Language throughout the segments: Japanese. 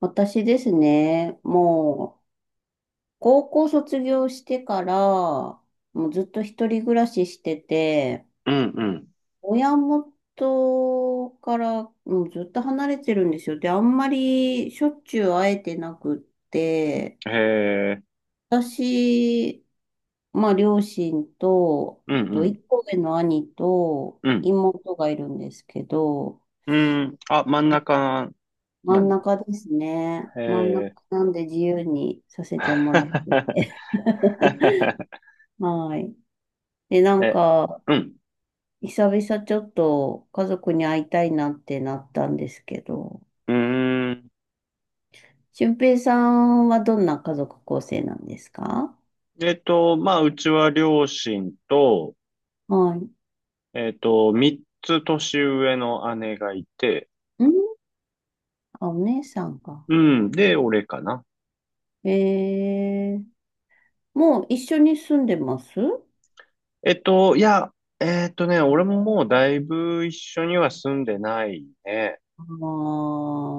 私ですね、もう、高校卒業してから、もうずっと一人暮らししてて、うんうん。親元から、もうずっと離れてるんですよ。で、あんまりしょっちゅう会えてなくって、へえ。私、まあ、両親と、うあんうと、ん。一個上の兄とうん。妹がいるんですけど、うん。あ、真ん中真なんんだ。中ですね。へ真ん中え。なんで自由にさせてもらっ て。はい。で、なんえ、か、うん。久々ちょっと家族に会いたいなってなったんですけど、うーん。俊平さんはどんな家族構成なんですか？まあ、うちは両親と、はい。3つ年上の姉がいて、んあ、お姉さんが。うん。で、俺かな。えー、もう一緒に住んでます？あいや、えっとね、俺ももうだいぶ一緒には住んでないね。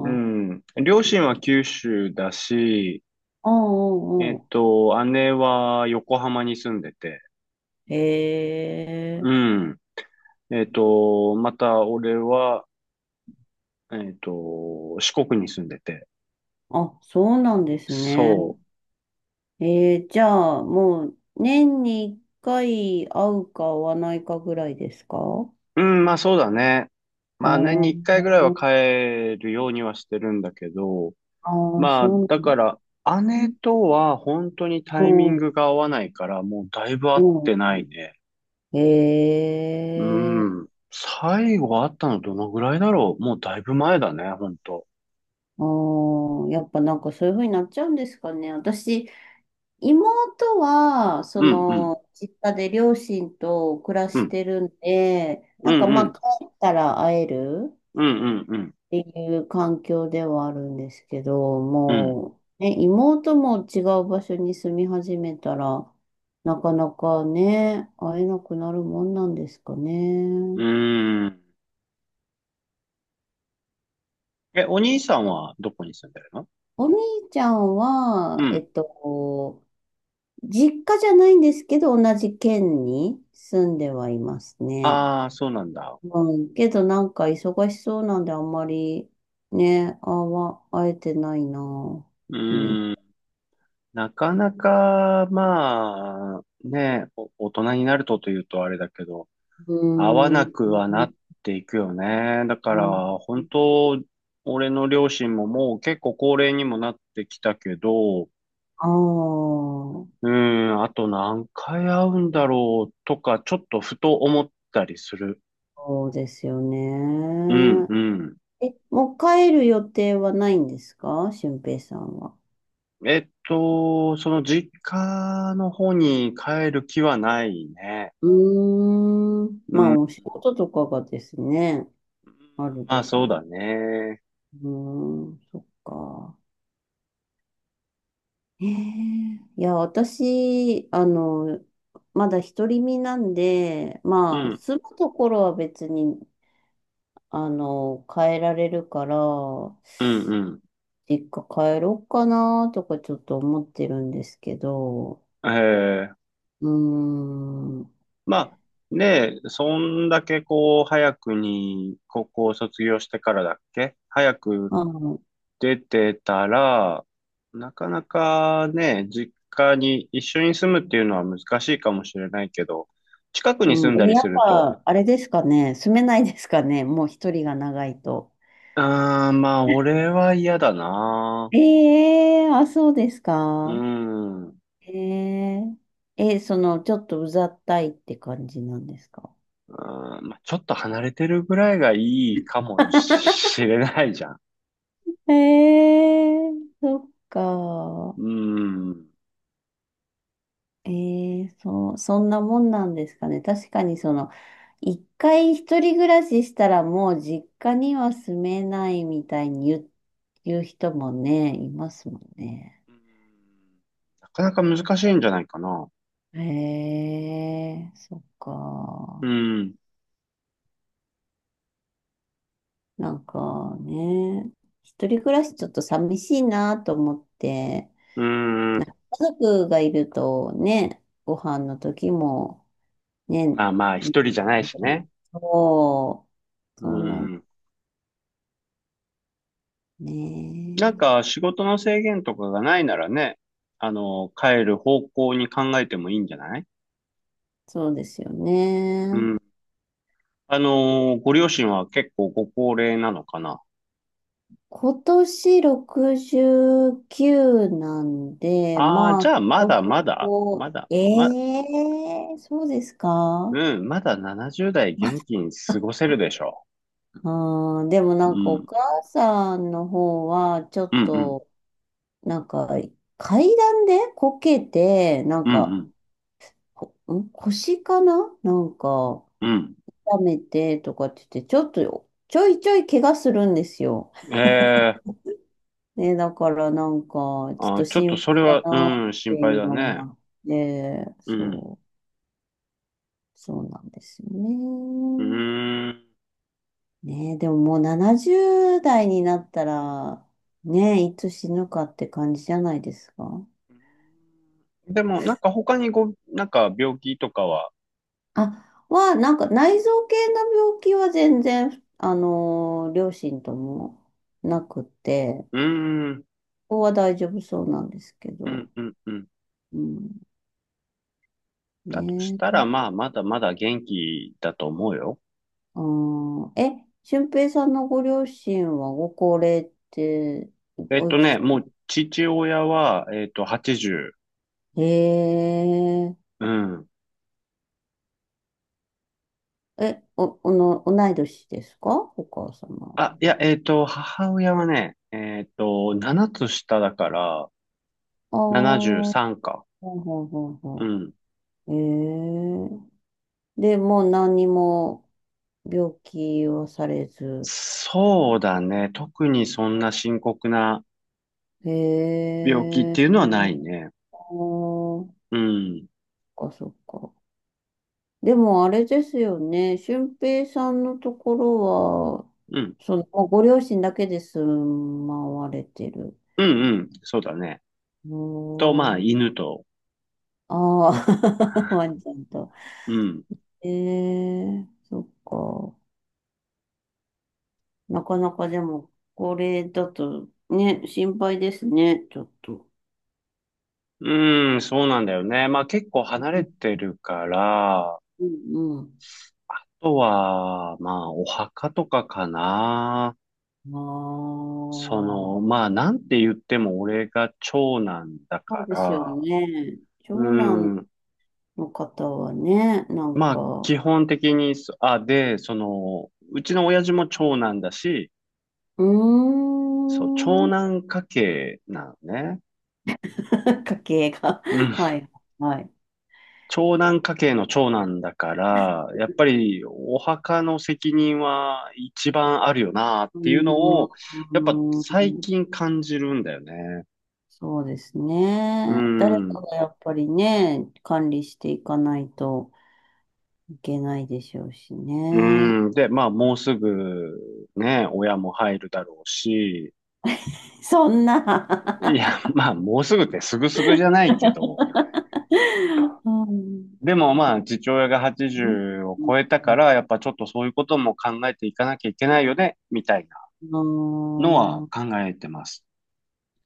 うん。両親は九州だし、あー、うんうんうん。姉は横浜に住んでて、えうえ、ん。また俺は、四国に住んでて、あ、そうなんですね。そええ、じゃあ、もう、年に一回会うか会わないかぐらいですか？う。うん、まあそうだね。あーまあ年に一回ぐらいは帰るようにはしてるんだけど、あー、まあそうだなんかだ。ら、姉とは本当にうタイミンん、グが合わないから、もうだいぶ会っうてん。ないね。えうえん。最後会ったのどのぐらいだろう、もうだいぶ前だね、本当。ー、ああ、やっぱなんかそういうふうになっちゃうんですかね。私、妹は、そうん、うん、の、実家で両親と暮らうしん。てるんで、うん、なんかまうん。あ、帰ったら会えるうんうんっていう環境ではあるんですけど、うん。もう、ね、妹も違う場所に住み始めたら、なかなかね、会えなくなるもんなんですかうね。ん。うーん。え、お兄さんはどこに住んでるの？お兄ちゃんうは、ん。こう実家じゃないんですけど、同じ県に住んではいますね。ああ、そうなんだ。うん、けどなんか忙しそうなんであんまりね、会えてないな。ううん。ーん。なかなか、まあ、ね、お大人になるとというとあれだけど、う合わなくはなーっていくよね。だから、ん。本当、俺の両親ももう結構高齢にもなってきたけど、うああ、そーん、あと何回会うんだろうとか、ちょっとふと思ったりする。うですよね。うん、うん。え、もう帰る予定はないんですか、俊平さんは？その実家の方に帰る気はないね。うーん。うまあ、ん。お仕事とかがですね、あるまであしょそうう。だね。うーん、そっか。ええ、いや、私、まだ独り身なんで、うまあ、ん、住むところは別に、変えられるから、うん、実家帰ろうかなとかちょっと思ってるんですけど、うん。ええ、うーん、まあ、ねえ、そんだけこう、早くに高校を卒業してからだっけ、早くあの、出てたら、なかなかね、実家に一緒に住むっていうのは難しいかもしれないけど、近くに住うんだん、え、りやすっると、ぱ、あれですかね、住めないですかね、もう一人が長いと。ああ、まあ俺は嫌だな。ええー、あ、そうですうーか。ん。うえええ、ちょっとうざったいって感じなんですか？ーん、まあ、ちょっと離れてるぐらいがいいかも しれないじゃん。ええー、そっうか。ーん。うええ、そう、そんなもんなんですかね。確かに一回一人暮らししたらもう実家には住めないみたいに言う人もね、いますもんね。ーん、なかなか難しいんじゃないかな。へえ、そっうか。ん。なんかね、一人暮らしちょっと寂しいなと思って、うなんん。か家族がいるとね、ご飯の時もね、まあまあ、1人じゃないしね。そう、うそうなんん。ねなんえ。か、仕事の制限とかがないならね、あの、帰る方向に考えてもいいんじゃない？そうですようね。ん。あの、ご両親は結構ご高齢なのかな。今年69なんで、ああー、まあ、じそゃあ、まこだまそだ、まこ、だ、ま、ええ、そうですか？うん、まだ70代元気に過ごせるでしょあー、でもう？なうんかおん、母さんの方は、ちょうっん、うん、と、なんか、階段でこけて、なんうん、うか、ん、こん腰かななんか、うん。痛めてとかって言って、ちょっと、ちょいちょい怪我するんですよ。ええ、ね、だからなんか、ちょっあ、とちょっと心配それだは、なっうん、て心配いうだのもね。あって、うん。そう、そうなんですようね。ーん。ね、でももう70代になったら、ね、いつ死ぬかって感じじゃないですか。でも、なんか他にご、なんか病気とかは？あ、なんか内臓系の病気は全然、両親ともなくて、うーん、ここは大丈夫そうなんですけうど、ん、うん、うん。うん、だとしたね。ら、まあ、まだまだ元気だと思うよ。あー、え、俊平さんのご両親はご高齢って、おいくつ？もう父親は、80。へえ、うん。え、お、おの、同い年ですか、お母様？あ、いや、母親はね、7つ下だから、ああ、ほ73か。うほうほううほん。う。へえ、で、もう何にも病気はされず。そうだね。特にそんな深刻なへ病気っていうのはないえ、ね。あー、そうん。っかそっか。でもあれですよね。俊平さんのところは、うん。ご両親だけで住まわれてる。うん、うん。そうだね。おと、まあ、ー、犬と。ああ、ワンちゃんと。うん。ええ、そっか。なかなかでも、これだとね、心配ですね、ちょっと。うん、そうなんだよね。まあ結構離れてるから、あうん、とは、まあお墓とかかな。うそん。あの、あ、まあなんて言っても俺が長男だそかうですよら、ね。う長男ん。の方はね、なんまあ、か、基本的にそ、あ、で、その、うちの親父も長男だし、うそう、ー長ん。男家系なのね。家計が。うん。はい、はい。長男家系の長男だから、やっぱりお墓の責任は一番あるよなっうていうのを、ーやっぱ最ん、近感じるんだよね。そうですうね。誰かん。がやっぱりね、管理していかないといけないでしょうしうね。ん。で、まあ、もうすぐ、ね、親も入るだろうし、そんいな や、まあ、もうすぐってすぐすぐじゃないけど、うん。でもまあ、父親が80を超えたから、やっぱちょっとそういうことも考えていかなきゃいけないよね、みたいなうのはん、考えてます。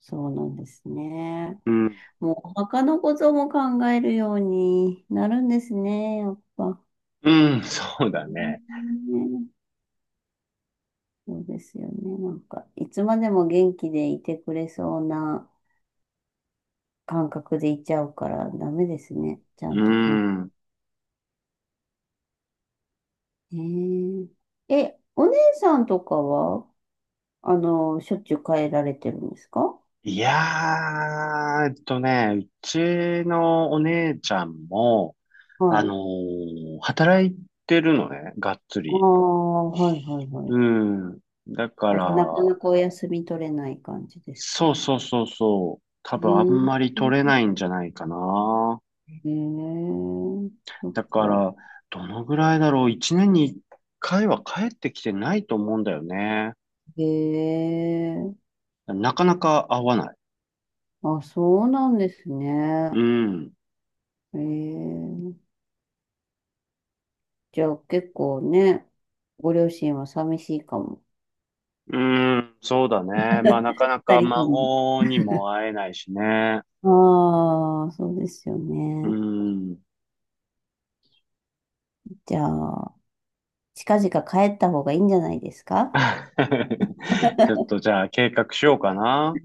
そうなんですね。うん。もうお墓のことも考えるようになるんですね、やっぱ。うん、そうだうね。ん、そうですよね。なんか、いつまでも元気でいてくれそうな感覚でいちゃうからダメですね。ちゃうんとかん。ん。えー、え、お姉さんとかは、しょっちゅう帰られてるんですか？いやー、うちのお姉ちゃんも、あはい。のー、働いてるのね、がっつああ、り。はいはいはい。うん。だかあ、ら、じゃあなかなかお休み取れない感じですか？そううそうそうそう。多分あんまり取れん。ないんじゃないかな。へえ、そっだかか。ら、どのぐらいだろう、1年に1回は帰ってきてないと思うんだよね。へえ、なかなか会わない。あ、そうなんですうね。ん。へえ。じゃあ結構ね、ご両親は寂しいかも。うん、そうだね。まあ、なかな二か人とも。孫にも会えないしね。ああ、そうですようね。ん。じゃあ、近々帰った方がいいんじゃないですか？ ちょっとじゃあ計画しようかな。